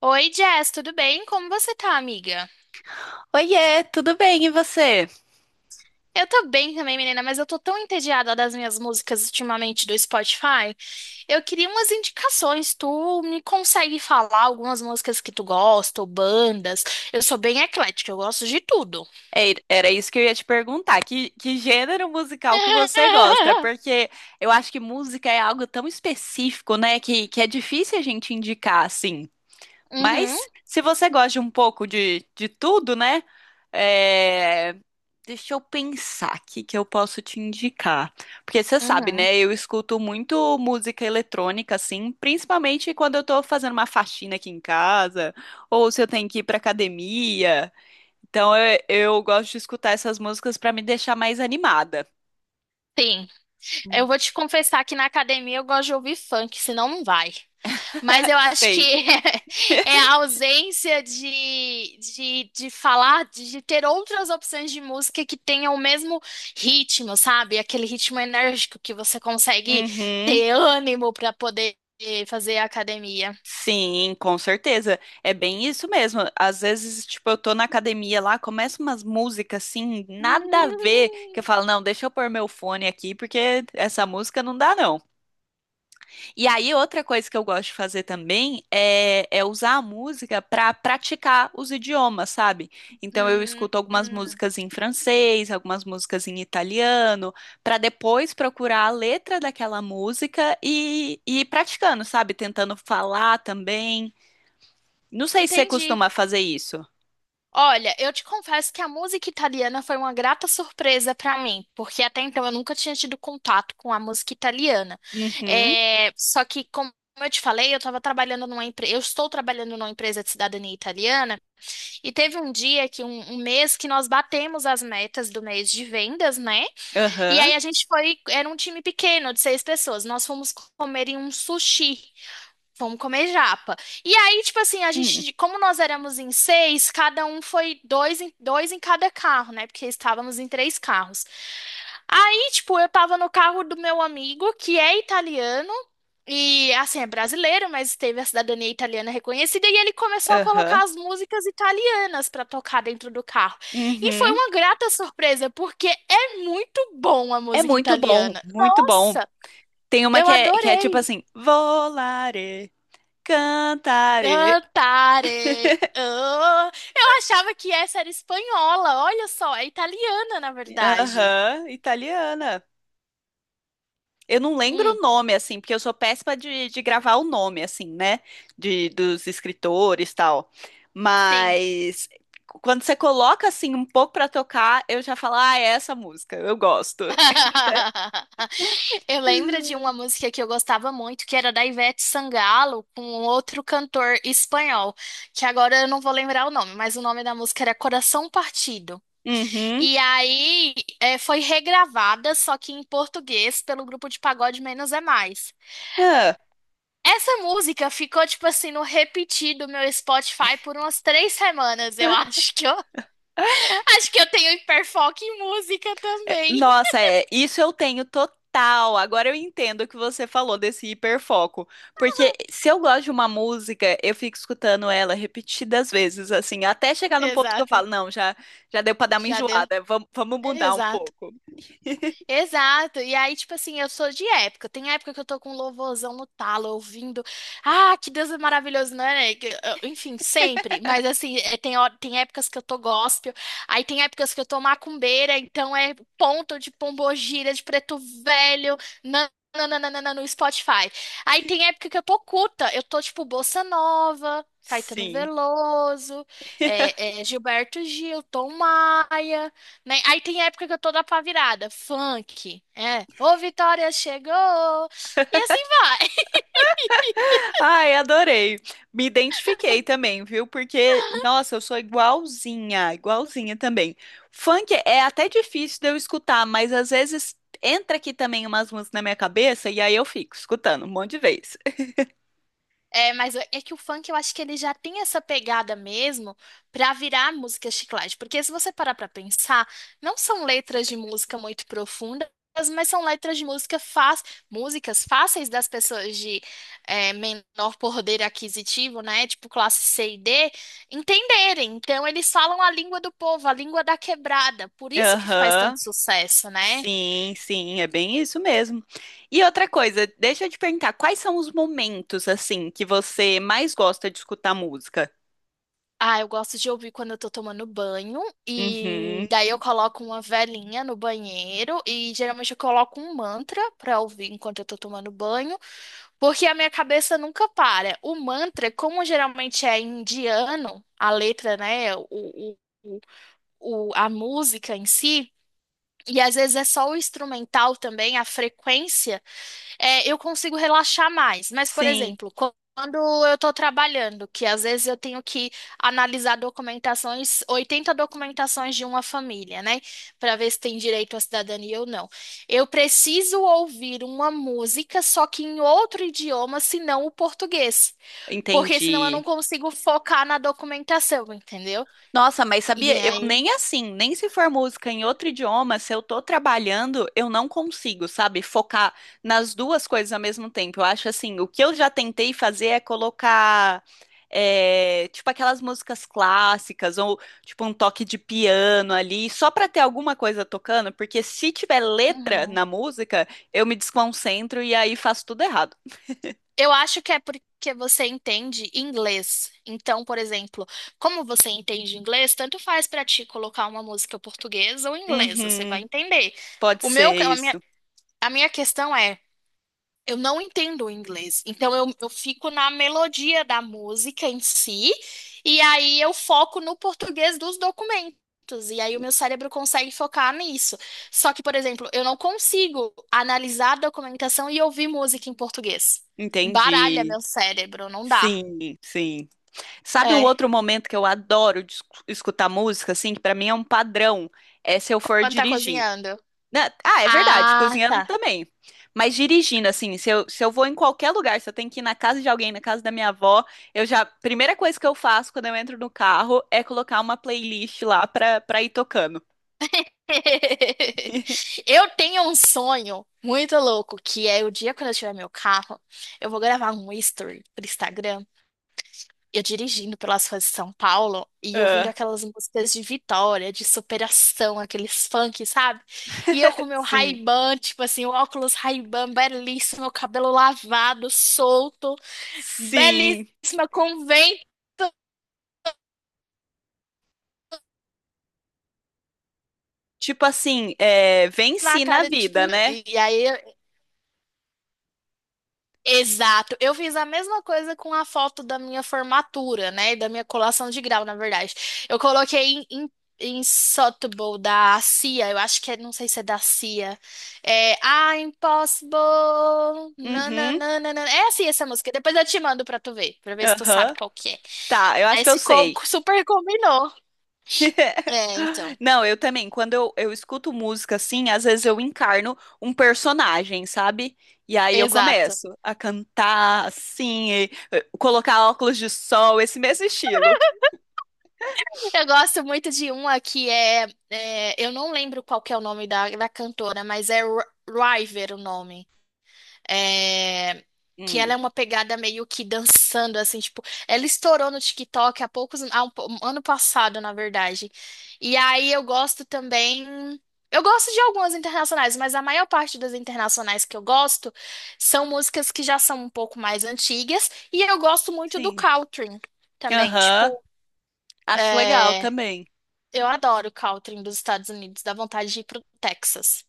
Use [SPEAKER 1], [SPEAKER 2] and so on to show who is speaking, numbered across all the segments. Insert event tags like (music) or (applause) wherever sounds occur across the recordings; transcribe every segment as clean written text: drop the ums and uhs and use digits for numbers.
[SPEAKER 1] Oi, Jess, tudo bem? Como você tá, amiga?
[SPEAKER 2] Oiê, tudo bem? E você?
[SPEAKER 1] Eu tô bem também, menina, mas eu tô tão entediada das minhas músicas ultimamente do Spotify. Eu queria umas indicações. Tu me consegue falar algumas músicas que tu gosta, ou bandas? Eu sou bem eclética, eu gosto de tudo.
[SPEAKER 2] Era isso que eu ia te perguntar. Que gênero musical que você gosta?
[SPEAKER 1] (laughs)
[SPEAKER 2] Porque eu acho que música é algo tão específico, né? Que é difícil a gente indicar assim.
[SPEAKER 1] Uhum,
[SPEAKER 2] Mas se você gosta de um pouco de tudo, né? é, Deixa eu pensar aqui que eu posso te indicar. Porque você sabe,
[SPEAKER 1] uhum.
[SPEAKER 2] né? Eu escuto muito música eletrônica, assim, principalmente quando eu tô fazendo uma faxina aqui em casa, ou se eu tenho que ir pra academia. Então eu gosto de escutar essas músicas pra me deixar mais animada.
[SPEAKER 1] Sim, eu vou te confessar que na academia eu gosto de ouvir funk, senão não vai. Mas eu
[SPEAKER 2] (laughs)
[SPEAKER 1] acho que
[SPEAKER 2] Sei.
[SPEAKER 1] (laughs) a ausência de falar, de ter outras opções de música que tenham o mesmo ritmo, sabe? Aquele ritmo enérgico que você consegue
[SPEAKER 2] Uhum.
[SPEAKER 1] ter ânimo para poder fazer academia.
[SPEAKER 2] Sim, com certeza. É bem isso mesmo. Às vezes, tipo, eu tô na academia lá, começa umas músicas assim, nada a ver, que eu
[SPEAKER 1] (laughs)
[SPEAKER 2] falo, não, deixa eu pôr meu fone aqui, porque essa música não dá, não. E aí, outra coisa que eu gosto de fazer também é usar a música para praticar os idiomas, sabe? Então, eu
[SPEAKER 1] Hum,
[SPEAKER 2] escuto
[SPEAKER 1] hum,
[SPEAKER 2] algumas
[SPEAKER 1] hum.
[SPEAKER 2] músicas em francês, algumas músicas em italiano, para depois procurar a letra daquela música e ir praticando, sabe? Tentando falar também. Não sei se você
[SPEAKER 1] Entendi.
[SPEAKER 2] costuma fazer isso.
[SPEAKER 1] Olha, eu te confesso que a música italiana foi uma grata surpresa para mim, porque até então eu nunca tinha tido contato com a música italiana.
[SPEAKER 2] Uhum,
[SPEAKER 1] É, só que, como eu te falei, eu estava trabalhando numa empresa, eu estou trabalhando numa empresa de cidadania italiana, e teve um dia que um mês que nós batemos as metas do mês de vendas, né? E
[SPEAKER 2] aham,
[SPEAKER 1] aí a gente foi, era um time pequeno de 6 pessoas, nós fomos comer em um sushi. Vamos comer japa. E aí, tipo assim, a
[SPEAKER 2] hum,
[SPEAKER 1] gente, como nós éramos em seis, cada um foi dois em cada carro, né? Porque estávamos em 3 carros. Aí, tipo, eu tava no carro do meu amigo, que é italiano, e assim, é brasileiro, mas teve a cidadania italiana reconhecida, e ele começou a
[SPEAKER 2] aham,
[SPEAKER 1] colocar as músicas italianas pra tocar dentro do carro. E foi
[SPEAKER 2] uhum.
[SPEAKER 1] uma grata surpresa, porque é muito bom a
[SPEAKER 2] É
[SPEAKER 1] música
[SPEAKER 2] muito bom,
[SPEAKER 1] italiana.
[SPEAKER 2] muito bom.
[SPEAKER 1] Nossa,
[SPEAKER 2] Tem uma
[SPEAKER 1] eu
[SPEAKER 2] que é tipo
[SPEAKER 1] adorei.
[SPEAKER 2] assim, volare. Cantare.
[SPEAKER 1] Dantare. Oh, eu achava que essa era espanhola. Olha só, é italiana, na verdade.
[SPEAKER 2] Aham, italiana. Eu não lembro
[SPEAKER 1] Hum,
[SPEAKER 2] o nome, assim, porque eu sou péssima de gravar o nome, assim, né? De, dos escritores e tal.
[SPEAKER 1] sim.
[SPEAKER 2] Mas quando você coloca, assim, um pouco pra tocar, eu já falo, ah, é essa música, eu gosto.
[SPEAKER 1] (laughs) Eu lembro de uma
[SPEAKER 2] (laughs)
[SPEAKER 1] música que eu gostava muito, que era da Ivete Sangalo, com outro cantor espanhol, que agora eu não vou lembrar o nome, mas o nome da música era Coração Partido.
[SPEAKER 2] Uhum.
[SPEAKER 1] E aí, foi regravada, só que em português, pelo grupo de pagode Menos é Mais.
[SPEAKER 2] Ah.
[SPEAKER 1] Essa música ficou, tipo assim, no repetir do meu Spotify por umas 3 semanas, eu acho que eu. (laughs) Acho que eu tenho hiperfoco em música
[SPEAKER 2] É,
[SPEAKER 1] também.
[SPEAKER 2] Nossa, é, isso eu tenho total. Agora eu entendo o que você falou desse hiperfoco. Porque se eu gosto de uma música, eu fico escutando ela repetidas vezes, assim, até chegar no ponto que eu
[SPEAKER 1] Exato.
[SPEAKER 2] falo, não, já, já deu pra dar uma
[SPEAKER 1] Já deu.
[SPEAKER 2] enjoada, vamos, vamos mudar um
[SPEAKER 1] Exato.
[SPEAKER 2] pouco.
[SPEAKER 1] Exato. E aí, tipo assim, eu sou de época. Tem época que eu tô com um louvorzão no talo, ouvindo. Ah, que Deus é maravilhoso, né? Enfim, sempre. Mas assim, tem, tem épocas que eu tô gospel, aí tem épocas que eu tô macumbeira, então é ponto de pombogira, de preto velho, nananana no Spotify. Aí tem época que eu tô culta, eu tô tipo bossa nova. Caetano
[SPEAKER 2] Sim.
[SPEAKER 1] Veloso, Gilberto Gil, Tom Maia, né? Aí tem época que eu tô da pá virada funk, ô Vitória chegou, e assim vai.
[SPEAKER 2] Ai, adorei. Me identifiquei também, viu? Porque, nossa, eu sou igualzinha, igualzinha também. Funk é até difícil de eu escutar, mas às vezes entra aqui também umas músicas na minha cabeça e aí eu fico escutando um monte de vez.
[SPEAKER 1] É, mas é que o funk eu acho que ele já tem essa pegada mesmo pra virar música chiclete, porque se você parar pra pensar, não são letras de música muito profundas, mas são letras de música fácil, músicas fáceis das pessoas de menor poder aquisitivo, né, tipo classe C e D, entenderem. Então eles falam a língua do povo, a língua da quebrada, por isso que faz
[SPEAKER 2] Aham.
[SPEAKER 1] tanto sucesso, né?
[SPEAKER 2] Sim, sim, é bem isso mesmo. E outra coisa, deixa eu te perguntar, quais são os momentos assim que você mais gosta de escutar música?
[SPEAKER 1] Ah, eu gosto de ouvir quando eu tô tomando banho e
[SPEAKER 2] Uhum.
[SPEAKER 1] daí eu coloco uma velinha no banheiro e geralmente eu coloco um mantra pra ouvir enquanto eu tô tomando banho, porque a minha cabeça nunca para. O mantra, como geralmente é indiano, a letra, né, o, a música em si, e às vezes é só o instrumental também, a frequência eu consigo relaxar mais. Mas, por
[SPEAKER 2] Sim,
[SPEAKER 1] exemplo, quando eu estou trabalhando, que às vezes eu tenho que analisar documentações, 80 documentações de uma família, né? Para ver se tem direito à cidadania ou não. Eu preciso ouvir uma música, só que em outro idioma, senão o português. Porque senão eu não
[SPEAKER 2] entendi.
[SPEAKER 1] consigo focar na documentação, entendeu?
[SPEAKER 2] Nossa, mas
[SPEAKER 1] E
[SPEAKER 2] sabia? Eu
[SPEAKER 1] aí.
[SPEAKER 2] nem assim, nem se for música em outro idioma, se eu tô trabalhando, eu não consigo, sabe? Focar nas duas coisas ao mesmo tempo. Eu acho assim, o que eu já tentei fazer é colocar, é, tipo, aquelas músicas clássicas, ou tipo um toque de piano ali, só pra ter alguma coisa tocando, porque se tiver letra
[SPEAKER 1] Uhum.
[SPEAKER 2] na música, eu me desconcentro e aí faço tudo errado.
[SPEAKER 1] Eu acho que é porque você entende inglês. Então, por exemplo, como você entende inglês, tanto faz pra ti colocar uma música portuguesa ou inglesa, você vai
[SPEAKER 2] Uhum,
[SPEAKER 1] entender.
[SPEAKER 2] pode
[SPEAKER 1] O meu,
[SPEAKER 2] ser isso.
[SPEAKER 1] a minha questão é eu não entendo o inglês, então eu fico na melodia da música em si, e aí eu foco no português dos documentos, e aí o meu cérebro consegue focar nisso. Só que, por exemplo, eu não consigo analisar a documentação e ouvir música em português. Baralha
[SPEAKER 2] Entendi.
[SPEAKER 1] meu cérebro, não dá.
[SPEAKER 2] Sim, sim. Sabe um
[SPEAKER 1] É,
[SPEAKER 2] outro momento que eu adoro de escutar música, assim, que pra mim é um padrão, é se eu for
[SPEAKER 1] quando tá
[SPEAKER 2] dirigir.
[SPEAKER 1] cozinhando.
[SPEAKER 2] Né? Ah, é verdade,
[SPEAKER 1] Ah,
[SPEAKER 2] cozinhando
[SPEAKER 1] tá.
[SPEAKER 2] também. Mas dirigindo, assim, se eu, se eu vou em qualquer lugar, se eu tenho que ir na casa de alguém, na casa da minha avó, eu já, primeira coisa que eu faço quando eu entro no carro é colocar uma playlist lá pra, pra ir tocando.
[SPEAKER 1] (laughs)
[SPEAKER 2] (laughs)
[SPEAKER 1] Eu tenho um sonho muito louco, que é o dia quando eu tiver meu carro, eu vou gravar um history pro Instagram. Eu dirigindo pelas ruas de São Paulo e ouvindo
[SPEAKER 2] Ah,
[SPEAKER 1] aquelas músicas de vitória, de superação, aqueles funk, sabe? E eu com
[SPEAKER 2] (laughs)
[SPEAKER 1] meu
[SPEAKER 2] sim,
[SPEAKER 1] Ray-Ban, tipo assim, o óculos Ray-Ban belíssimo, meu cabelo lavado, solto,
[SPEAKER 2] sim.
[SPEAKER 1] belíssima, com vento
[SPEAKER 2] Tipo assim, é,
[SPEAKER 1] na
[SPEAKER 2] venci na
[SPEAKER 1] cara, tipo.
[SPEAKER 2] vida, né?
[SPEAKER 1] E aí exato. Eu fiz a mesma coisa com a foto da minha formatura, né? Da minha colação de grau, na verdade. Eu coloquei em Sotheby, da CIA. Eu acho que é, não sei se é da CIA. É I'm Impossible.
[SPEAKER 2] Uhum,
[SPEAKER 1] Nananana. É assim essa música. Depois eu te mando pra tu ver, pra ver se tu sabe
[SPEAKER 2] aham.
[SPEAKER 1] qual que é.
[SPEAKER 2] Tá, eu acho
[SPEAKER 1] Aí
[SPEAKER 2] que eu
[SPEAKER 1] ficou
[SPEAKER 2] sei.
[SPEAKER 1] super combinou.
[SPEAKER 2] (laughs)
[SPEAKER 1] É, então.
[SPEAKER 2] Não, eu também. Quando eu escuto música assim, às vezes eu encarno um personagem, sabe? E aí eu
[SPEAKER 1] Exato.
[SPEAKER 2] começo a cantar assim, e, colocar óculos de sol, esse mesmo estilo.
[SPEAKER 1] Eu gosto muito de uma que eu não lembro qual que é o nome da cantora, mas é River o nome. É, que ela
[SPEAKER 2] Hum,
[SPEAKER 1] é uma pegada meio que dançando, assim, tipo, ela estourou no TikTok há poucos, 1 ano passado, na verdade. E aí eu gosto também. Eu gosto de algumas internacionais, mas a maior parte das internacionais que eu gosto são músicas que já são um pouco mais antigas. E eu gosto muito do
[SPEAKER 2] sim.
[SPEAKER 1] country também,
[SPEAKER 2] Aham.
[SPEAKER 1] tipo.
[SPEAKER 2] Acho legal
[SPEAKER 1] É,
[SPEAKER 2] também.
[SPEAKER 1] eu adoro o country dos Estados Unidos, dá vontade de ir pro Texas.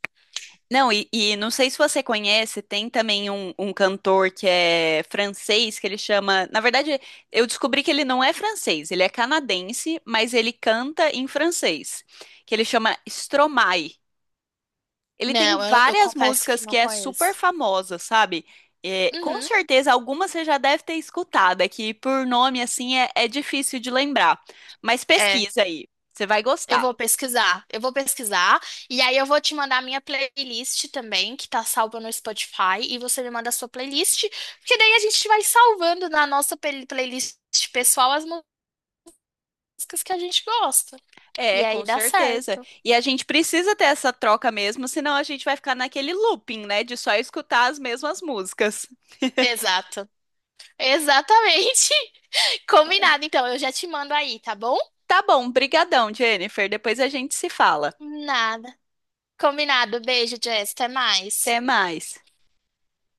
[SPEAKER 2] Não, e não sei se você conhece, tem também um cantor que é francês, que ele chama. Na verdade, eu descobri que ele não é francês, ele é canadense, mas ele canta em francês, que ele chama Stromae. Ele tem
[SPEAKER 1] Não, eu
[SPEAKER 2] várias
[SPEAKER 1] confesso que
[SPEAKER 2] músicas que
[SPEAKER 1] não
[SPEAKER 2] é super
[SPEAKER 1] conheço.
[SPEAKER 2] famosa, sabe? É, com
[SPEAKER 1] Uhum,
[SPEAKER 2] certeza algumas você já deve ter escutado, é que por nome assim é difícil de lembrar. Mas
[SPEAKER 1] é,
[SPEAKER 2] pesquisa aí, você vai gostar.
[SPEAKER 1] eu vou pesquisar, e aí eu vou te mandar a minha playlist também, que tá salva no Spotify, e você me manda a sua playlist, porque daí a gente vai salvando na nossa playlist pessoal as músicas que a gente gosta. E
[SPEAKER 2] É,
[SPEAKER 1] aí
[SPEAKER 2] com
[SPEAKER 1] dá
[SPEAKER 2] certeza.
[SPEAKER 1] certo.
[SPEAKER 2] E a gente precisa ter essa troca mesmo, senão a gente vai ficar naquele looping, né, de só escutar as mesmas músicas.
[SPEAKER 1] Exato. Exatamente. (laughs) Combinado, então, eu já te mando aí, tá bom?
[SPEAKER 2] Tá bom, brigadão, Jennifer. Depois a gente se fala.
[SPEAKER 1] Nada. Combinado. Beijo, Jess. Até mais.
[SPEAKER 2] Até mais.